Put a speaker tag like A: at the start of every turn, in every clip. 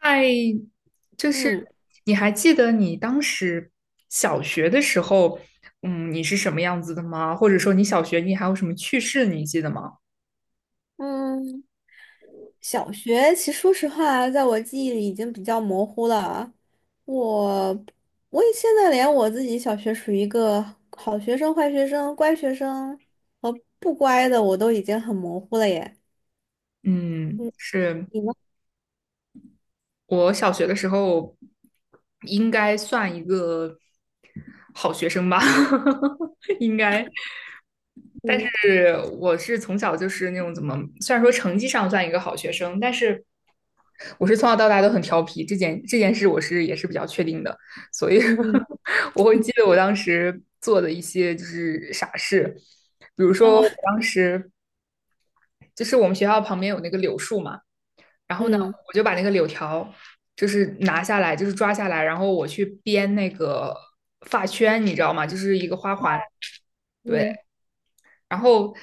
A: 哎，就是
B: 嗯
A: 你还记得你当时小学的时候，你是什么样子的吗？或者说你小学你还有什么趣事你记得吗？
B: 嗯，小学其实说实话，在我记忆里已经比较模糊了。我我也现在连我自己小学属于一个好学生、坏学生、乖学生和不乖的，我都已经很模糊了耶。
A: 嗯，
B: 嗯，
A: 是。
B: 你呢？
A: 我小学的时候应该算一个好学生吧，应该。但
B: 嗯
A: 是我是从小就是那种怎么，虽然说成绩上算一个好学生，但是我是从小到大都很调皮，这件事我是也是比较确定的，所以
B: 嗯，
A: 我会记得我当时做的一些就是傻事，比如说
B: 后
A: 我当时就是我们学校旁边有那个柳树嘛。然 后呢，
B: 嗯
A: 我就把那个柳条就是拿下来，就是抓下来，然后我去编那个发圈，你知道吗？就是一个花环，对。
B: 嗯
A: 然后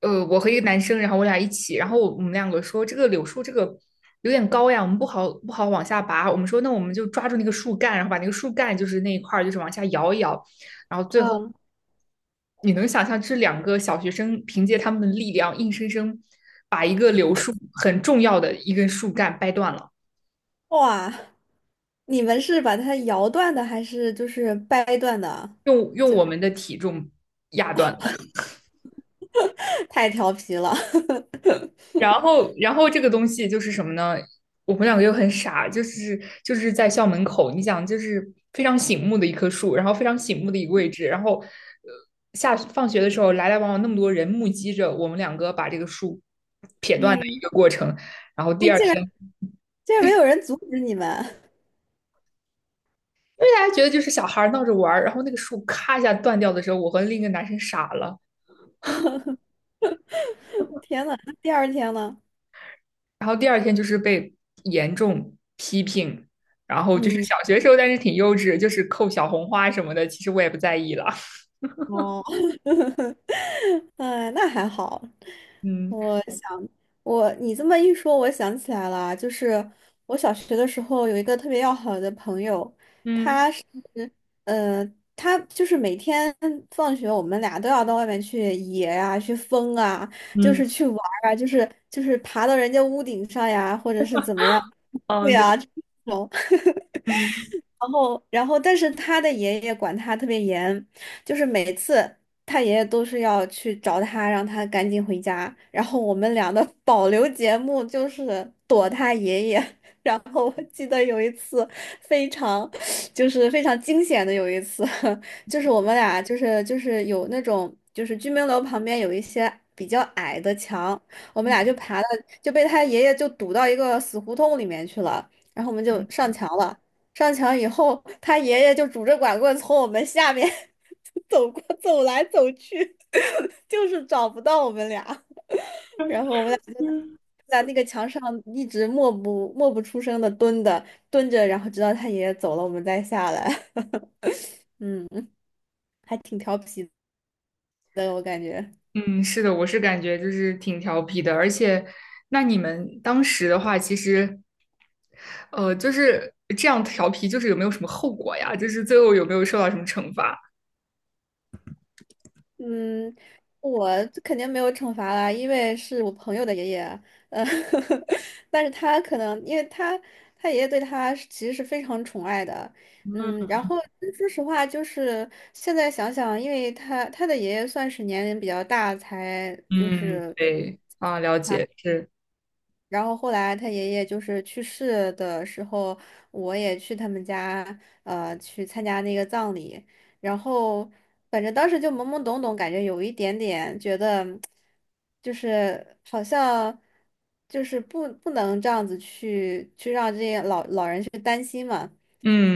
A: 我和一个男生，然后我俩一起，然后我们两个说这个柳树这个有点高呀，我们不好往下拔。我们说那我们就抓住那个树干，然后把那个树干就是那一块儿就是往下摇一摇，然后最后
B: 啊，
A: 你能想象这两个小学生凭借他们的力量，硬生生把一个柳树很重要的一根树干掰断了，
B: 哇，你们是把它摇断的，还是就是掰断的？
A: 用我们的体重压断了。
B: 太调皮了。
A: 然后，然后这个东西就是什么呢？我们两个又很傻，就是在校门口，你想，就是非常醒目的一棵树，然后非常醒目的一个位置，然后下放学的时候来来往往那么多人目击着我们两个把这个树 撇断的
B: 嗯，
A: 一个过程。然后第
B: 哎
A: 二
B: 竟然
A: 天，因
B: 竟然没有人阻止你们。
A: 为大家觉得就是小孩儿闹着玩儿然后那个树咔一下断掉的时候，我和另一个男生傻了。
B: 天呐，那第二天呢？
A: 然后第二天就是被严重批评，然后就是
B: 嗯，
A: 小学时候，但是挺幼稚，就是扣小红花什么的，其实我也不在意了。
B: 哦，哎，那还好。
A: 嗯
B: 我想，我你这么一说，我想起来了，就是我小学的时候有一个特别要好的朋友。
A: 嗯
B: 呃，他就是每天放学，我们俩都要到外面去野呀、去疯啊，就
A: 嗯
B: 是去玩儿啊，就是爬到人家屋顶上呀，或者是怎么样，对
A: 嗯，对，
B: 呀，这种。
A: 嗯
B: 然后，然后，但是他的爷爷管他特别严，就是每次他爷爷都是要去找他，让他赶紧回家。然后我们俩的 保留节目就是躲他爷爷。然后我记得有一次非常，就是非常惊险的有一次，就是我们俩就是有那种就是居民楼旁边有一些比较矮的墙，我们俩就爬了，就被他爷爷就堵到一个死胡同里面去了，然后我们就上墙了。上墙以后，他爷爷就拄着拐棍从我们下面 走过走来走去，就是找不到我们俩。然后我们俩就
A: 嗯，
B: 在那个墙上一直默不出声的蹲着，然后直到他爷爷走了，我们再下来。嗯，还挺调皮的，我感觉。
A: 嗯，是的，我是感觉就是挺调皮的。而且那你们当时的话，其实就是这样调皮，就是有没有什么后果呀？就是最后有没有受到什么惩罚？
B: 嗯，我肯定没有惩罚啦，因为是我朋友的爷爷。呃，但是他可能，因为他爷爷对他是其实是非常宠爱的。
A: 嗯
B: 嗯，然后嗯说实话，就是现在想想，因为他的爷爷算是年龄比较大，才就
A: 嗯，
B: 是。
A: 对，啊，了解，是，
B: 然后后来他爷爷就是去世的时候，我也去他们家，去参加那个葬礼。然后反正当时就懵懵懂懂，感觉有一点点觉得，就是好像就是不能这样子去让这些老人去担心嘛。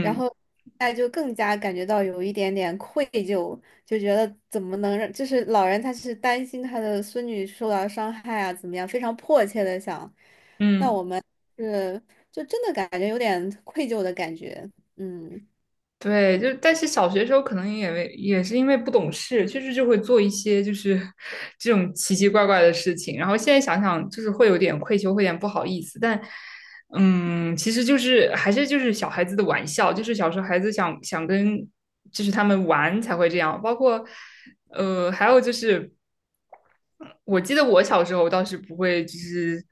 B: 然后哎，就更加感觉到有一点点愧疚，就觉得怎么能让，就是老人他是担心他的孙女受到伤害啊，怎么样，非常迫切的想，
A: 嗯。
B: 我们是就真的感觉有点愧疚的感觉。嗯
A: 对，就但是小学时候可能也为也是因为不懂事，确实就会做一些就是 这种奇奇怪怪的事情。然后现在想想，就是会有点愧疚，会有点不好意思。但嗯，其实就是还是就是小孩子的玩笑，就是小时候孩子想想跟就是他们玩才会这样。包括还有就是。我记得我小时候倒是不会，就是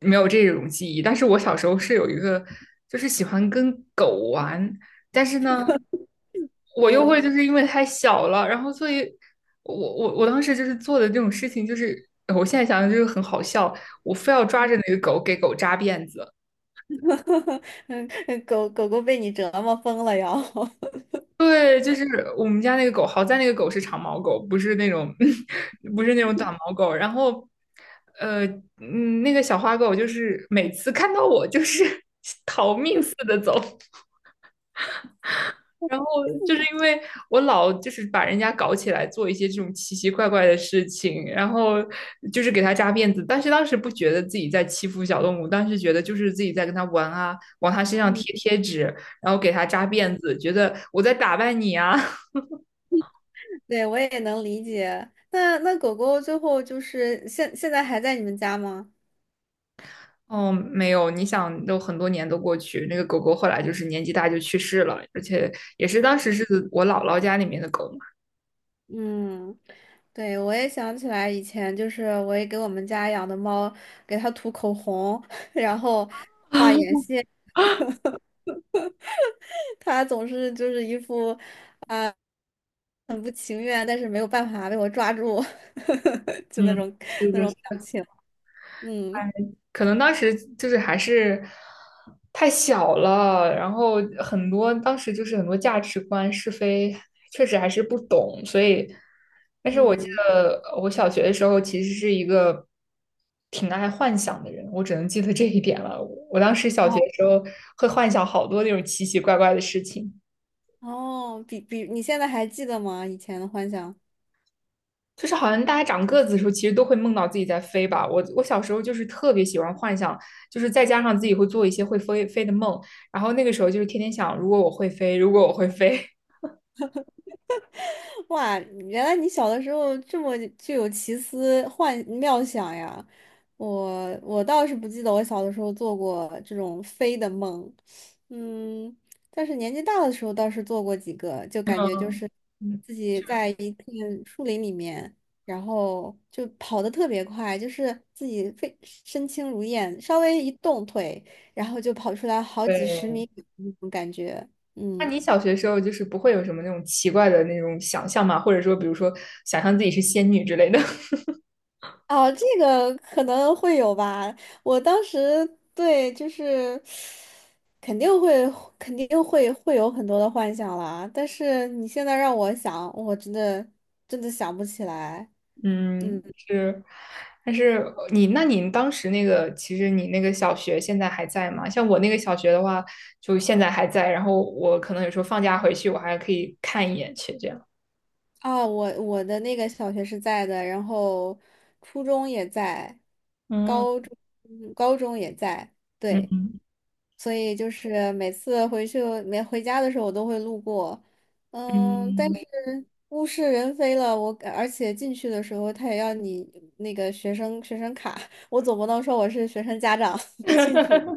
A: 没有这种记忆。但是我小时候是有一个，就是喜欢跟狗玩，但是呢，我又会
B: 嗯
A: 就是因为太小了，然后所以我当时就是做的这种事情，就是我现在想想就是很好笑，我非要抓着那个狗给狗扎辫子。
B: 嗯，狗狗被你折磨疯了要。
A: 对，就是我们家那个狗，好在那个狗是长毛狗，不是那种 不是那种短毛狗。然后，呃，嗯，那个小花狗就是每次看到我就是 逃命似的走。然后就是因为我老就是把人家搞起来做一些这种奇奇怪怪的事情，然后就是给他扎辫子，但是当时不觉得自己在欺负小动物，当时觉得就是自己在跟他玩啊，往他身上
B: 嗯，
A: 贴贴纸，然后给他扎辫子，觉得我在打扮你啊。
B: 对，我也能理解。那那狗狗最后就是现在还在你们家吗？
A: 哦，没有，你想都很多年都过去，那个狗狗后来就是年纪大就去世了，而且也是当时是我姥姥家里面的狗嘛。
B: 嗯，对，我也想起来以前就是我也给我们家养的猫给它涂口红，然后它总是就是一副啊、很不情愿，但是没有办法被我抓住，就那
A: 嗯，
B: 种
A: 是
B: 那
A: 的，
B: 种
A: 是。
B: 表情。嗯
A: 可能当时就是还是太小了，然后很多当时就是很多价值观是非，确实还是不懂，所以，但是我记
B: 嗯，
A: 得我小学的时候其实是一个挺爱幻想的人，我只能记得这一点了。我当时小学
B: 哦
A: 的时候会幻想好多那种奇奇怪怪的事情。
B: 哦，比你现在还记得吗？以前的幻想。
A: 就是好像大家长个子的时候，其实都会梦到自己在飞吧。我小时候就是特别喜欢幻想，就是再加上自己会做一些会飞的梦，然后那个时候就是天天想，如果我会飞，如果我会飞。
B: 哇，原来你小的时候这么具有奇思幻妙想呀！我倒是不记得我小的时候做过这种飞的梦。嗯，但是年纪大的时候倒是做过几个，就感觉就是
A: 嗯，
B: 自 己在一片树林里面，然后就跑得特别快，就是自己非身轻如燕，稍微一动腿，然后就跑出来好几十
A: 对。
B: 米那种感觉。
A: 那
B: 嗯。
A: 你小学时候就是不会有什么那种奇怪的那种想象吗？或者说，比如说想象自己是仙女之类的？
B: 哦，这个可能会有吧。我当时对，就是肯定会，肯定会有很多的幻想啦。但是你现在让我想，我真的想不起来。嗯。
A: 嗯，是，但是你，那你当时那个，其实你那个小学现在还在吗？像我那个小学的话，就现在还在，然后我可能有时候放假回去，我还可以看一眼去这样。
B: 啊，我的那个小学是在的，然后初中也在，高
A: 嗯
B: 中嗯高中也在，对，
A: 嗯
B: 所以就是每次回去没回家的时候，我都会路过。嗯，但
A: 嗯，
B: 是物是人非了，我而且进去的时候他也要你那个学生卡，我总不能说我是学生家长 进去。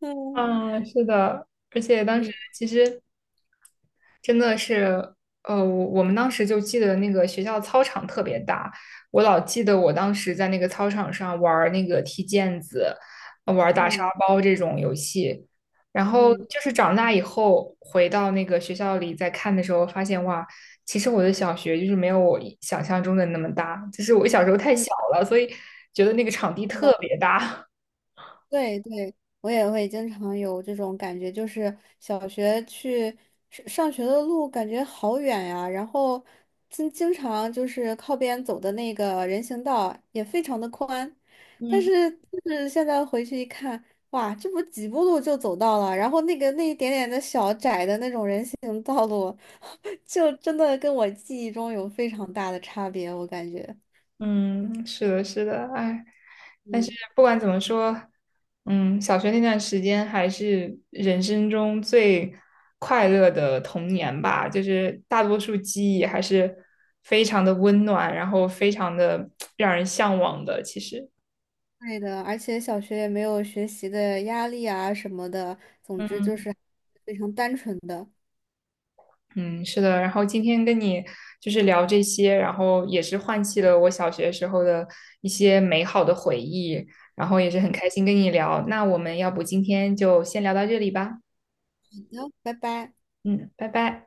B: 嗯
A: 啊，是的，而且当时
B: 嗯
A: 其实真的是，我们当时就记得那个学校操场特别大，我老记得我当时在那个操场上玩儿那个踢毽子，玩儿打沙
B: 嗯
A: 包这种游戏。然后
B: 嗯
A: 就是长大以后回到那个学校里再看的时候，发现哇，其实我的小学就是没有我想象中的那么大，就是我小时候太
B: 嗯，
A: 小了，所以觉得那个场地
B: 是
A: 特
B: 的
A: 别大。
B: 对对，我也会经常有这种感觉，就是小学去上学的路感觉好远呀，然后经常就是靠边走的那个人行道也非常的宽，但
A: 嗯。
B: 是就是现在回去一看，哇，这不几步路就走到了，然后那个那一点点的小窄的那种人行道路，就真的跟我记忆中有非常大的差别，我感觉。
A: 嗯，是的，是的，哎，但是不管怎么说，嗯，小学那段时间还是人生中最快乐的童年吧，就是大多数记忆还是非常的温暖，然后非常的让人向往的，其实。
B: 对的，而且小学也没有学习的压力啊什么的，总之就
A: 嗯
B: 是非常单纯的。
A: 嗯，是的。然后今天跟你就是聊这些，然后也是唤起了我小学时候的一些美好的回忆，然后也是很开心跟你聊。那我们要不今天就先聊到这里吧。
B: 好的拜拜。
A: 嗯，拜拜。